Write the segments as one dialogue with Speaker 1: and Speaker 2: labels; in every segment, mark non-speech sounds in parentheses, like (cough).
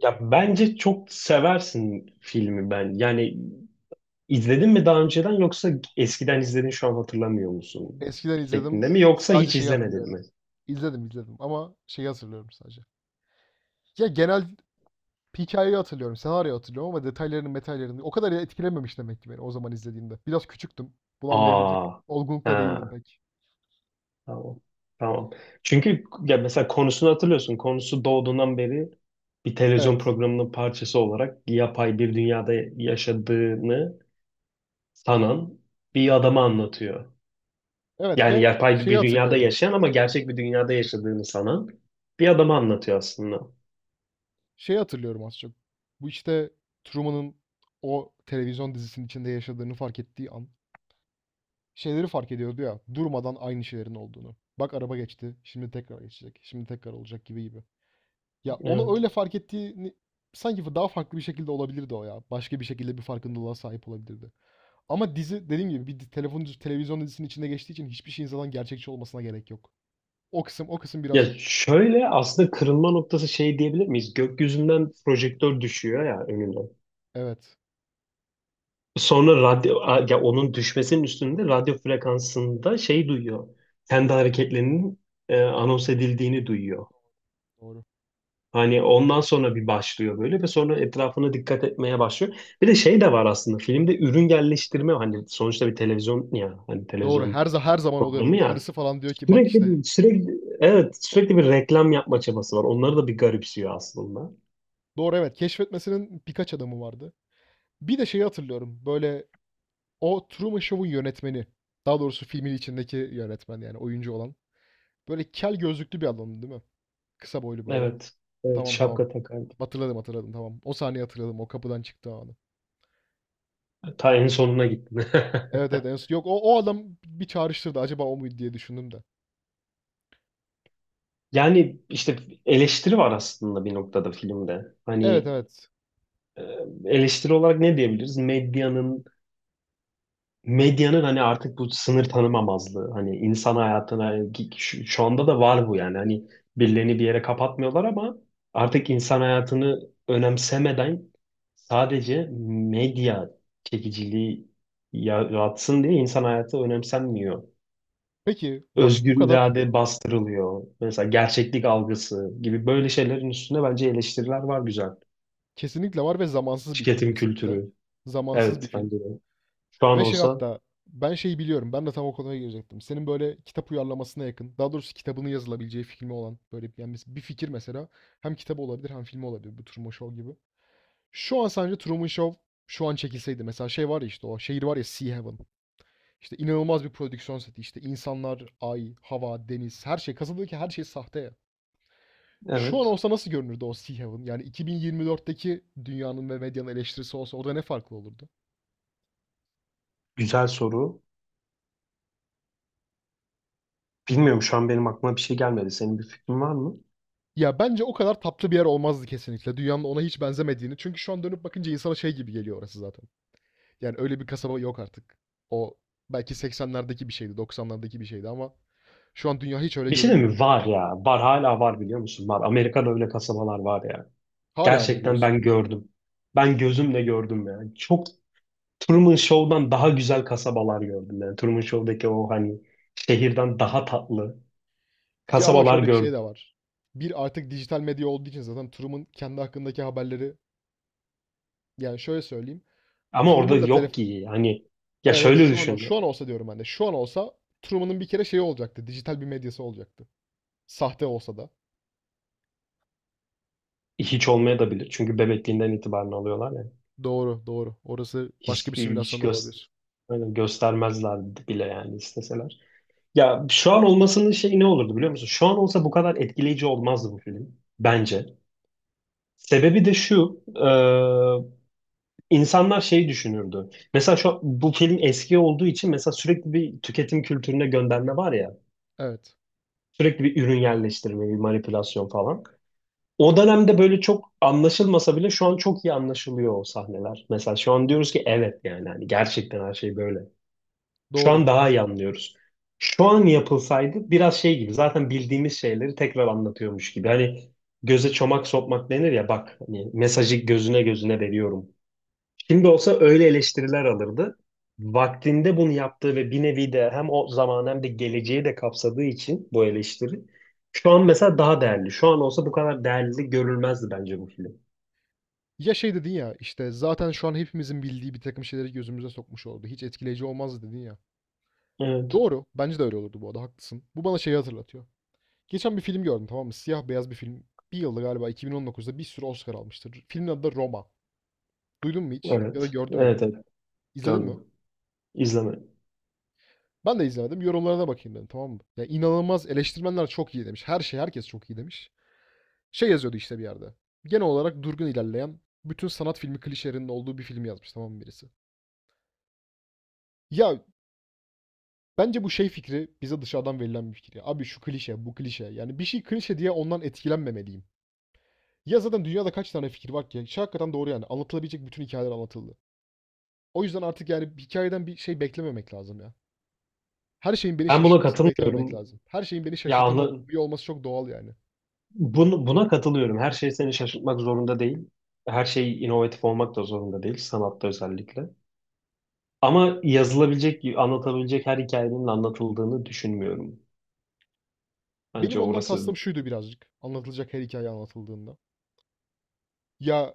Speaker 1: Ya bence çok seversin filmi ben. Yani izledin mi daha önceden, yoksa eskiden izledin şu an hatırlamıyor musun?
Speaker 2: Eskiden
Speaker 1: Şeklinde
Speaker 2: izledim.
Speaker 1: mi, yoksa
Speaker 2: Sadece
Speaker 1: hiç
Speaker 2: şeyi
Speaker 1: izlemedin mi?
Speaker 2: hatırlıyorum. İzledim izledim ama şeyi hatırlıyorum sadece. Ya genel hikayeyi hatırlıyorum, senaryoyu hatırlıyorum ama detaylarını, metallerini o kadar etkilememiş demek ki beni o zaman izlediğimde. Biraz küçüktüm. Bunu anlayabilecek
Speaker 1: Aa. Ha,
Speaker 2: olgunlukta değildim pek.
Speaker 1: tamam. Tamam. Çünkü ya mesela konusunu hatırlıyorsun. Konusu doğduğundan beri bir televizyon
Speaker 2: Evet.
Speaker 1: programının parçası olarak yapay bir dünyada yaşadığını sanan bir adamı anlatıyor.
Speaker 2: Evet
Speaker 1: Yani
Speaker 2: ve
Speaker 1: yapay
Speaker 2: şeyi
Speaker 1: bir dünyada
Speaker 2: hatırlıyorum.
Speaker 1: yaşayan ama gerçek bir dünyada yaşadığını sanan bir adamı anlatıyor aslında.
Speaker 2: Şeyi hatırlıyorum az çok. Bu işte Truman'ın o televizyon dizisinin içinde yaşadığını fark ettiği an şeyleri fark ediyordu ya, durmadan aynı şeylerin olduğunu. Bak araba geçti, şimdi tekrar geçecek, şimdi tekrar olacak gibi gibi. Ya onu
Speaker 1: Evet.
Speaker 2: öyle fark ettiğini, sanki daha farklı bir şekilde olabilirdi o ya. Başka bir şekilde bir farkındalığa sahip olabilirdi. Ama dizi dediğim gibi bir di- telefon televizyon dizisinin içinde geçtiği için hiçbir şeyin zaten gerçekçi olmasına gerek yok. O kısım
Speaker 1: Ya
Speaker 2: birazcık
Speaker 1: şöyle, aslında kırılma noktası şey diyebilir miyiz? Gökyüzünden projektör düşüyor ya önüne.
Speaker 2: evet
Speaker 1: Sonra ya onun düşmesinin üstünde radyo frekansında şey duyuyor. Kendi hareketlerinin, anons edildiğini duyuyor.
Speaker 2: doğru.
Speaker 1: Hani ondan sonra bir başlıyor böyle ve sonra etrafına dikkat etmeye başlıyor. Bir de şey de var aslında filmde, ürün yerleştirme. Hani sonuçta bir televizyon, ya hani
Speaker 2: Doğru.
Speaker 1: televizyon
Speaker 2: Her zaman oluyor, değil
Speaker 1: programı
Speaker 2: mi?
Speaker 1: ya.
Speaker 2: Karısı falan diyor ki bak
Speaker 1: Sürekli
Speaker 2: işte
Speaker 1: bir sürekli Evet, sürekli bir reklam yapma çabası var. Onları da bir garipsiyor aslında.
Speaker 2: doğru, evet, keşfetmesinin birkaç adamı vardı. Bir de şeyi hatırlıyorum. Böyle o Truman Show'un yönetmeni. Daha doğrusu filmin içindeki yönetmen yani oyuncu olan. Böyle kel, gözlüklü bir adamdı değil mi? Kısa boylu böyle.
Speaker 1: Evet. Evet,
Speaker 2: Tamam, tamam.
Speaker 1: şapka takardım.
Speaker 2: Hatırladım hatırladım, tamam. O sahneyi hatırladım. O kapıdan çıktı anı.
Speaker 1: Ta en sonuna gittim. (laughs)
Speaker 2: Evet, evet. Yok, o adam bir çağrıştırdı. Acaba o muydu diye düşündüm de.
Speaker 1: Yani işte eleştiri var aslında bir noktada filmde.
Speaker 2: Evet,
Speaker 1: Hani,
Speaker 2: evet.
Speaker 1: e, eleştiri olarak ne diyebiliriz? medyanın hani artık bu sınır tanımamazlığı. Hani insan hayatına şu anda da var bu yani. Hani birilerini bir yere kapatmıyorlar ama artık insan hayatını önemsemeden, sadece medya çekiciliği yaratsın diye insan hayatı önemsenmiyor,
Speaker 2: Peki bak, bu
Speaker 1: özgür
Speaker 2: kadar
Speaker 1: irade bastırılıyor. Mesela gerçeklik algısı gibi böyle şeylerin üstüne bence eleştiriler var, güzel.
Speaker 2: kesinlikle var ve zamansız bir film,
Speaker 1: Tüketim
Speaker 2: kesinlikle.
Speaker 1: kültürü.
Speaker 2: Zamansız bir
Speaker 1: Evet,
Speaker 2: film.
Speaker 1: bence de. Şu an
Speaker 2: Ve şey
Speaker 1: olsa,
Speaker 2: hatta, ben şeyi biliyorum. Ben de tam o konuya girecektim. Senin böyle kitap uyarlamasına yakın. Daha doğrusu kitabının yazılabileceği filmi olan, böyle yani mes- bir fikir mesela, hem kitabı olabilir hem filmi olabilir. Bu Truman Show gibi. Şu an sence Truman Show şu an çekilseydi mesela, şey var ya işte, o şehir var ya, Sea Haven. İşte inanılmaz bir prodüksiyon seti. İşte insanlar, ay, hava, deniz, her şey. Kasabadaki her şey sahte ya. Şu an
Speaker 1: evet.
Speaker 2: olsa nasıl görünürdü o Sea Heaven? Yani 2024'teki dünyanın ve medyanın eleştirisi olsa, orada ne farklı olurdu?
Speaker 1: Güzel soru. Bilmiyorum, şu an benim aklıma bir şey gelmedi. Senin bir fikrin var mı?
Speaker 2: Ya bence o kadar tatlı bir yer olmazdı kesinlikle. Dünyanın ona hiç benzemediğini. Çünkü şu an dönüp bakınca insana şey gibi geliyor orası zaten. Yani öyle bir kasaba yok artık. O belki 80'lerdeki bir şeydi, 90'lardaki bir şeydi ama şu an dünya hiç öyle
Speaker 1: Bir şey de
Speaker 2: görünmüyor.
Speaker 1: mi? Var ya. Var, hala var, biliyor musun? Var. Amerika'da öyle kasabalar var ya.
Speaker 2: Hala mı
Speaker 1: Gerçekten
Speaker 2: diyorsun?
Speaker 1: ben gördüm. Ben gözümle gördüm yani. Çok, Truman Show'dan daha güzel kasabalar gördüm yani. Truman Show'daki o, hani, şehirden daha tatlı
Speaker 2: Ya ama
Speaker 1: kasabalar
Speaker 2: şöyle bir şey
Speaker 1: gördüm.
Speaker 2: de var. Bir, artık dijital medya olduğu için zaten Turum'un kendi hakkındaki haberleri, yani şöyle söyleyeyim.
Speaker 1: Ama orada
Speaker 2: Turum'un da
Speaker 1: yok ki, hani. Ya
Speaker 2: evet evet,
Speaker 1: şöyle
Speaker 2: şu an
Speaker 1: düşün,
Speaker 2: şu an olsa diyorum ben de. Şu an olsa Turum'un bir kere şeyi olacaktı. Dijital bir medyası olacaktı. Sahte olsa da.
Speaker 1: hiç olmaya da bilir, çünkü bebekliğinden itibaren alıyorlar ya.
Speaker 2: Doğru, doğru. Orası başka bir
Speaker 1: hiç, hiç
Speaker 2: simülasyon da
Speaker 1: göz,
Speaker 2: olabilir.
Speaker 1: Hani göstermezler bile yani isteseler. Ya şu an olmasının şey ne olurdu, biliyor musun? Şu an olsa bu kadar etkileyici olmazdı bu film bence. Sebebi de şu, insanlar şey düşünürdü. Bu film eski olduğu için, mesela, sürekli bir tüketim kültürüne gönderme var ya,
Speaker 2: Evet.
Speaker 1: sürekli bir ürün yerleştirme, bir manipülasyon falan. O dönemde böyle çok anlaşılmasa bile şu an çok iyi anlaşılıyor o sahneler. Mesela şu an diyoruz ki evet, yani hani gerçekten her şey böyle. Şu
Speaker 2: Doğru.
Speaker 1: an daha iyi anlıyoruz. Şu an yapılsaydı biraz şey gibi, zaten bildiğimiz şeyleri tekrar anlatıyormuş gibi. Hani göze çomak sokmak denir ya, bak hani mesajı gözüne gözüne veriyorum. Şimdi olsa öyle eleştiriler alırdı. Vaktinde bunu yaptığı ve bir nevi de hem o zaman hem de geleceği de kapsadığı için bu eleştiri şu an mesela daha değerli. Şu an olsa bu kadar değerli görülmezdi bence bu film.
Speaker 2: Ya şey dedin ya, işte, zaten şu an hepimizin bildiği bir takım şeyleri gözümüze sokmuş oldu. Hiç etkileyici olmazdı dedin ya.
Speaker 1: Evet.
Speaker 2: Doğru. Bence de öyle olurdu bu arada. Haklısın. Bu bana şeyi hatırlatıyor. Geçen bir film gördüm, tamam mı? Siyah beyaz bir film. Bir yılda galiba 2019'da bir sürü Oscar almıştır. Filmin adı da Roma. Duydun mu hiç? Ya da
Speaker 1: Evet.
Speaker 2: gördün mü?
Speaker 1: Evet, evet.
Speaker 2: İzledin mi?
Speaker 1: Gördüm. İzlemedim.
Speaker 2: Ben de izlemedim. Yorumlarına bakayım dedim, tamam mı? Ya inanılmaz, eleştirmenler çok iyi demiş. Her şey, herkes çok iyi demiş. Şey yazıyordu işte bir yerde. Genel olarak durgun ilerleyen, bütün sanat filmi klişelerinin olduğu bir film yazmış, tamam mı, birisi? Ya, bence bu şey fikri bize dışarıdan verilen bir fikir ya. Abi şu klişe, bu klişe. Yani bir şey klişe diye ondan etkilenmemeliyim. Ya zaten dünyada kaç tane fikir var ki? Şey hakikaten doğru yani. Anlatılabilecek bütün hikayeler anlatıldı. O yüzden artık yani hikayeden bir şey beklememek lazım ya. Her şeyin beni
Speaker 1: Ben buna
Speaker 2: şaşırtmasını beklememek
Speaker 1: katılmıyorum.
Speaker 2: lazım. Her şeyin beni
Speaker 1: Ya
Speaker 2: şaşırtamıyor olması çok doğal yani.
Speaker 1: buna katılıyorum. Her şey seni şaşırtmak zorunda değil. Her şey inovatif olmak da zorunda değil. Sanatta özellikle. Ama yazılabilecek, anlatabilecek her hikayenin anlatıldığını düşünmüyorum. Bence
Speaker 2: Benim ondan
Speaker 1: orası.
Speaker 2: kastım şuydu birazcık. Anlatılacak her hikaye anlatıldığında. Ya,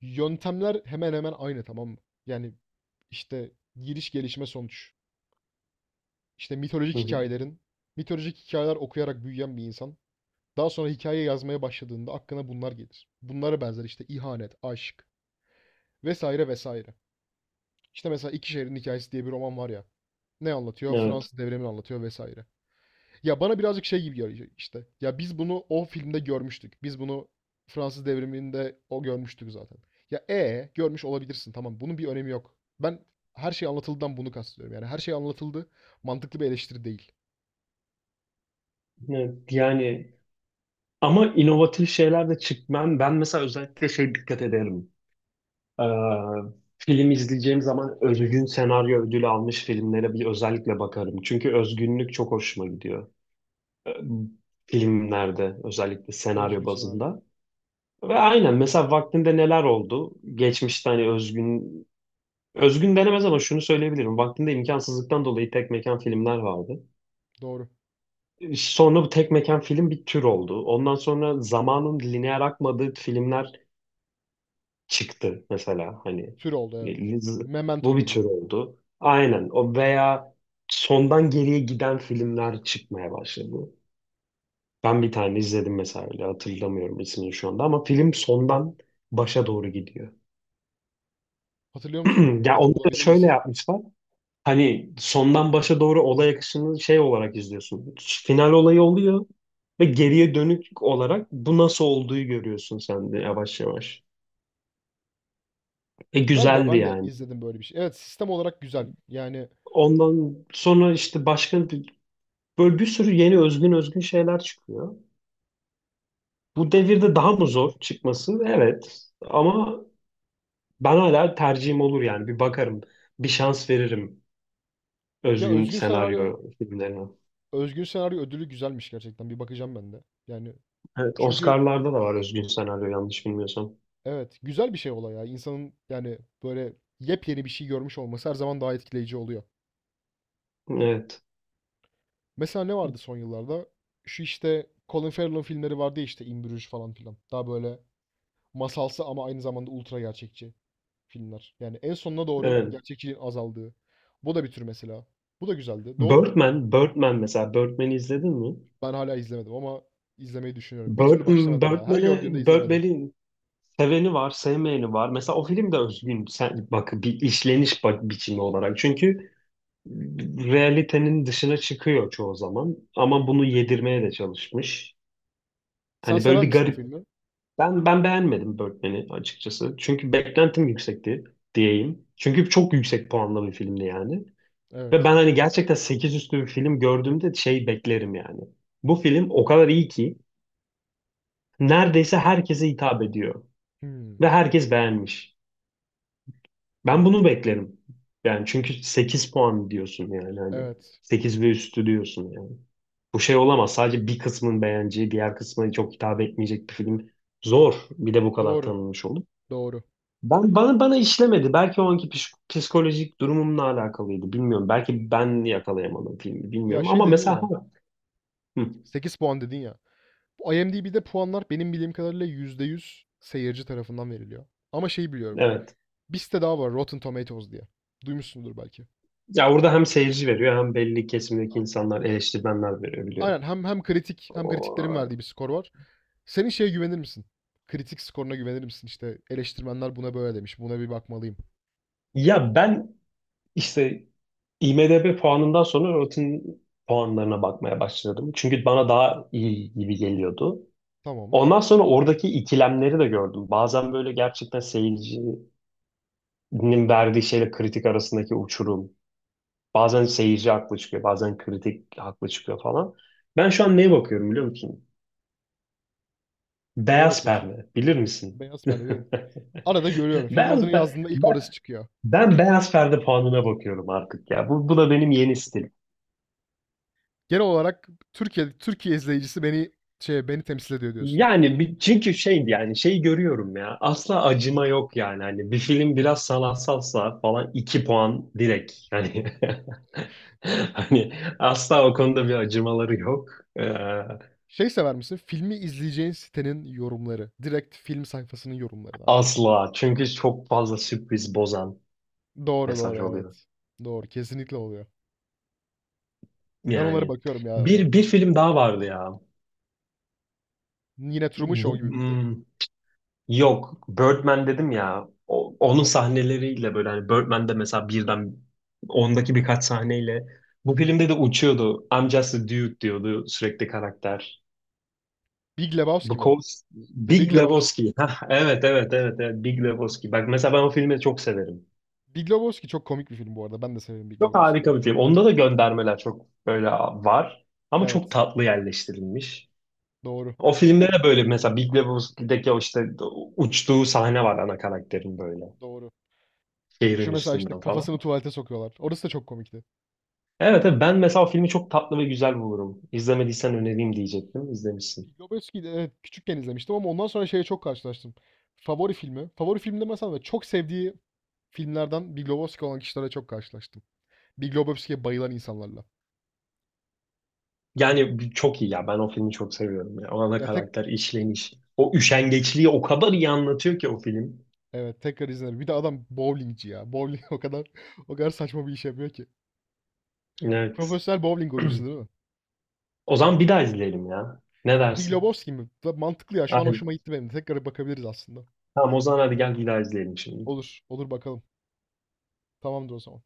Speaker 2: yöntemler hemen hemen aynı, tamam mı? Yani işte giriş, gelişme, sonuç. İşte mitolojik
Speaker 1: Hı hı.
Speaker 2: hikayelerin, mitolojik hikayeler okuyarak büyüyen bir insan. Daha sonra hikaye yazmaya başladığında aklına bunlar gelir. Bunlara benzer işte, ihanet, aşk vesaire vesaire. İşte mesela İki Şehrin Hikayesi diye bir roman var ya. Ne anlatıyor?
Speaker 1: Evet,
Speaker 2: Fransız devrimini anlatıyor vesaire. Ya bana birazcık şey gibi geliyor işte. Ya biz bunu o filmde görmüştük. Biz bunu Fransız devriminde o görmüştük zaten. Ya e görmüş olabilirsin, tamam. Bunun bir önemi yok. Ben her şey anlatıldıdan bunu kastediyorum. Yani her şey anlatıldı. Mantıklı bir eleştiri değil.
Speaker 1: evet. Yani, ama inovatif şeyler de çıkmam. Ben mesela özellikle şey dikkat ederim. Ee, Film izleyeceğim zaman özgün senaryo ödülü almış filmlere bir özellikle bakarım. Çünkü özgünlük çok hoşuma gidiyor. Ee, Filmlerde özellikle senaryo
Speaker 2: Özgün senaryo.
Speaker 1: bazında. Ve aynen, mesela vaktinde neler oldu? Geçmişte, hani, özgün, özgün denemez ama şunu söyleyebilirim: vaktinde imkansızlıktan dolayı tek mekan filmler vardı.
Speaker 2: Doğru.
Speaker 1: Sonra bu tek mekan film bir tür oldu. Ondan sonra zamanın lineer akmadığı filmler çıktı, mesela, hani,
Speaker 2: Tür oldu, evet.
Speaker 1: e,
Speaker 2: Memento
Speaker 1: bu bir
Speaker 2: gibi.
Speaker 1: tür oldu. Aynen o, veya sondan geriye giden filmler çıkmaya başladı. Ben bir tane izledim mesela, öyle, hatırlamıyorum ismini şu anda, ama film sondan başa doğru gidiyor.
Speaker 2: Hatırlıyor musun
Speaker 1: (clears throat)
Speaker 2: onu?
Speaker 1: Ya
Speaker 2: Ya da
Speaker 1: onu da
Speaker 2: bulabilir
Speaker 1: şöyle
Speaker 2: misin?
Speaker 1: yapmışlar. Hani sondan başa doğru olay akışını şey olarak izliyorsun. Final olayı oluyor ve geriye dönük olarak bu nasıl olduğu görüyorsun sen de, yavaş yavaş. E,
Speaker 2: Galiba
Speaker 1: güzeldi
Speaker 2: ben de
Speaker 1: yani.
Speaker 2: izledim böyle bir şey. Evet, sistem olarak güzel. Yani
Speaker 1: Ondan sonra işte böyle bir sürü yeni özgün, özgün şeyler çıkıyor. Bu devirde daha mı zor çıkması? Evet. Ama ben hala tercihim olur yani. Bir bakarım. Bir şans veririm
Speaker 2: ya
Speaker 1: özgün
Speaker 2: özgün senaryo,
Speaker 1: senaryo filmlerine.
Speaker 2: özgün senaryo ödülü güzelmiş gerçekten. Bir bakacağım ben de. Yani
Speaker 1: Evet,
Speaker 2: çünkü
Speaker 1: Oscar'larda da var özgün senaryo, yanlış bilmiyorsam.
Speaker 2: evet, güzel bir şey olay ya. İnsanın yani böyle yepyeni bir şey görmüş olması her zaman daha etkileyici oluyor.
Speaker 1: Evet.
Speaker 2: Mesela ne vardı son yıllarda? Şu işte Colin Farrell'ın filmleri vardı ya, işte In Bruges falan filan. Daha böyle masalsı ama aynı zamanda ultra gerçekçi filmler. Yani en sonuna doğru
Speaker 1: Evet.
Speaker 2: gerçekçiliğin azaldığı. Bu da bir tür mesela. Bu da güzeldi. Doğru.
Speaker 1: Birdman mesela, Birdman'i izledin mi?
Speaker 2: Ben hala izlemedim ama izlemeyi düşünüyorum. Bir türlü
Speaker 1: Birdman,
Speaker 2: başlamadım ya. Her
Speaker 1: Birdman'e,
Speaker 2: gördüğümde izlemedim.
Speaker 1: Birdman'in seveni var, sevmeyeni var. Mesela o film de özgün bak, bir işleniş, bak, biçimi olarak. Çünkü realitenin dışına çıkıyor çoğu zaman ama bunu yedirmeye de çalışmış.
Speaker 2: Sen
Speaker 1: Hani böyle
Speaker 2: sever
Speaker 1: bir
Speaker 2: misin o
Speaker 1: garip.
Speaker 2: filmi?
Speaker 1: Ben beğenmedim Birdman'i açıkçası. Çünkü beklentim yüksekti diyeyim. Çünkü çok yüksek puanlı bir filmdi yani. Ve
Speaker 2: Evet.
Speaker 1: ben hani gerçekten 8 üstü bir film gördüğümde şey beklerim yani: bu film o kadar iyi ki neredeyse herkese hitap ediyor
Speaker 2: Hmm.
Speaker 1: ve herkes beğenmiş. Ben bunu beklerim. Yani çünkü 8 puan diyorsun, yani hani,
Speaker 2: Evet.
Speaker 1: 8 ve üstü diyorsun yani. Bu şey olamaz, sadece bir kısmın beğeneceği, diğer kısmına çok hitap etmeyecek bir film. Zor. Bir de bu kadar
Speaker 2: Doğru.
Speaker 1: tanınmış olup.
Speaker 2: Doğru.
Speaker 1: Ben, bana işlemedi. Belki o anki psikolojik durumumla alakalıydı, bilmiyorum. Belki ben yakalayamadım filmi,
Speaker 2: Ya
Speaker 1: bilmiyorum.
Speaker 2: şey
Speaker 1: Ama
Speaker 2: dedin
Speaker 1: mesela,
Speaker 2: ya,
Speaker 1: ha, hı,
Speaker 2: 8 puan dedin ya. Bu IMDb'de puanlar benim bildiğim kadarıyla %100 seyirci tarafından veriliyor. Ama şeyi biliyorum.
Speaker 1: evet.
Speaker 2: Bir site daha var, Rotten Tomatoes diye. Duymuşsundur belki.
Speaker 1: Ya orada hem seyirci veriyor, hem belli kesimdeki insanlar, eleştirmenler veriyor,
Speaker 2: Aynen, hem kritik hem kritiklerin
Speaker 1: biliyorum.
Speaker 2: verdiği bir skor var. Senin şeye güvenir misin? Kritik skoruna güvenir misin? İşte eleştirmenler buna böyle demiş. Buna bir bakmalıyım.
Speaker 1: Ya ben işte IMDb puanından sonra Rotten puanlarına bakmaya başladım. Çünkü bana daha iyi gibi geliyordu.
Speaker 2: Tamam.
Speaker 1: Ondan sonra oradaki ikilemleri de gördüm. Bazen böyle gerçekten seyircinin verdiği şeyle kritik arasındaki uçurum. Bazen seyirci haklı çıkıyor, bazen kritik haklı çıkıyor falan. Ben şu an neye bakıyorum, biliyor musun?
Speaker 2: Neye
Speaker 1: Beyaz
Speaker 2: bakıyorsun?
Speaker 1: perde. Bilir misin?
Speaker 2: Beyaz
Speaker 1: (laughs)
Speaker 2: perde. Perde. Arada görüyorum. Filmin adını
Speaker 1: Beyaz pe-
Speaker 2: yazdığında ilk
Speaker 1: ben,
Speaker 2: orası çıkıyor.
Speaker 1: ben beyaz perde puanına bakıyorum artık ya. Bu da benim yeni stilim.
Speaker 2: Genel olarak Türkiye izleyicisi beni şey, beni temsil ediyor diyorsun.
Speaker 1: Yani çünkü şey, yani şeyi görüyorum ya, asla acıma yok yani. Hani bir film biraz sanatsalsa falan 2 puan direkt yani.
Speaker 2: Evet.
Speaker 1: (laughs) Hani asla o konuda bir acımaları yok. Ee,
Speaker 2: Şey sever misin? Filmi izleyeceğin sitenin yorumları. Direkt film sayfasının yorumları da.
Speaker 1: Asla, çünkü çok fazla sürpriz bozan
Speaker 2: Doğru, doğru,
Speaker 1: mesaj oluyor
Speaker 2: evet. Doğru, kesinlikle oluyor. Ben onlara
Speaker 1: yani.
Speaker 2: bakıyorum ya arada.
Speaker 1: Bir film daha vardı ya,
Speaker 2: Yine Truman Show
Speaker 1: bu,
Speaker 2: gibi miydi?
Speaker 1: hmm, yok, Birdman dedim ya. Onun sahneleriyle böyle, hani, Birdman'de mesela birden, ondaki birkaç sahneyle bu filmde de uçuyordu. I'm just a dude diyordu sürekli karakter.
Speaker 2: Big Lebowski mi?
Speaker 1: Because
Speaker 2: The
Speaker 1: Big
Speaker 2: Big Lebowski.
Speaker 1: Lebowski. (laughs) Hah, evet, evet, evet, evet. Big Lebowski. Bak mesela, ben o filmi çok severim.
Speaker 2: Big Lebowski çok komik bir film bu arada. Ben de severim Big
Speaker 1: Çok
Speaker 2: Lebowski'yi.
Speaker 1: harika bir film. Onda da göndermeler çok böyle var. Ama çok
Speaker 2: Evet.
Speaker 1: tatlı yerleştirilmiş.
Speaker 2: Doğru.
Speaker 1: O filmde de böyle, mesela, Big Lebowski'deki o, işte, uçtuğu sahne var ana karakterin böyle.
Speaker 2: Doğru. Şu
Speaker 1: Şehrin
Speaker 2: mesela işte
Speaker 1: üstünden falan.
Speaker 2: kafasını tuvalete sokuyorlar. Orası da çok komikti.
Speaker 1: Evet, evet, ben mesela o filmi çok tatlı ve güzel bulurum. İzlemediysen önereyim diyecektim, İzlemişsin.
Speaker 2: Big Lebowski'yi de evet, küçükken izlemiştim ama ondan sonra şeye çok karşılaştım. Favori filmi. Favori film demesem de çok sevdiği filmlerden Big Lebowski olan kişilere çok karşılaştım. Big Lebowski'ye bayılan insanlarla.
Speaker 1: Yani çok iyi ya. Ben o filmi çok seviyorum. Ya. O ana
Speaker 2: Ya tek,
Speaker 1: karakter işleniş. O üşengeçliği o kadar iyi anlatıyor ki o film.
Speaker 2: evet tekrar izlerim. Bir de adam bowlingci ya. Bowling (laughs) o kadar, o kadar saçma bir iş yapıyor ki.
Speaker 1: Evet.
Speaker 2: Profesyonel bowling oyuncusu
Speaker 1: (clears throat)
Speaker 2: değil mi?
Speaker 1: O zaman bir daha izleyelim ya, ne
Speaker 2: Big
Speaker 1: dersin?
Speaker 2: Lebowski mi? Da mantıklı ya. Şu an
Speaker 1: Aynen.
Speaker 2: hoşuma gitti benim de. Tekrar bakabiliriz aslında.
Speaker 1: Tamam, o zaman hadi gel, bir daha izleyelim şimdi.
Speaker 2: Olur. Olur bakalım. Tamamdır o zaman.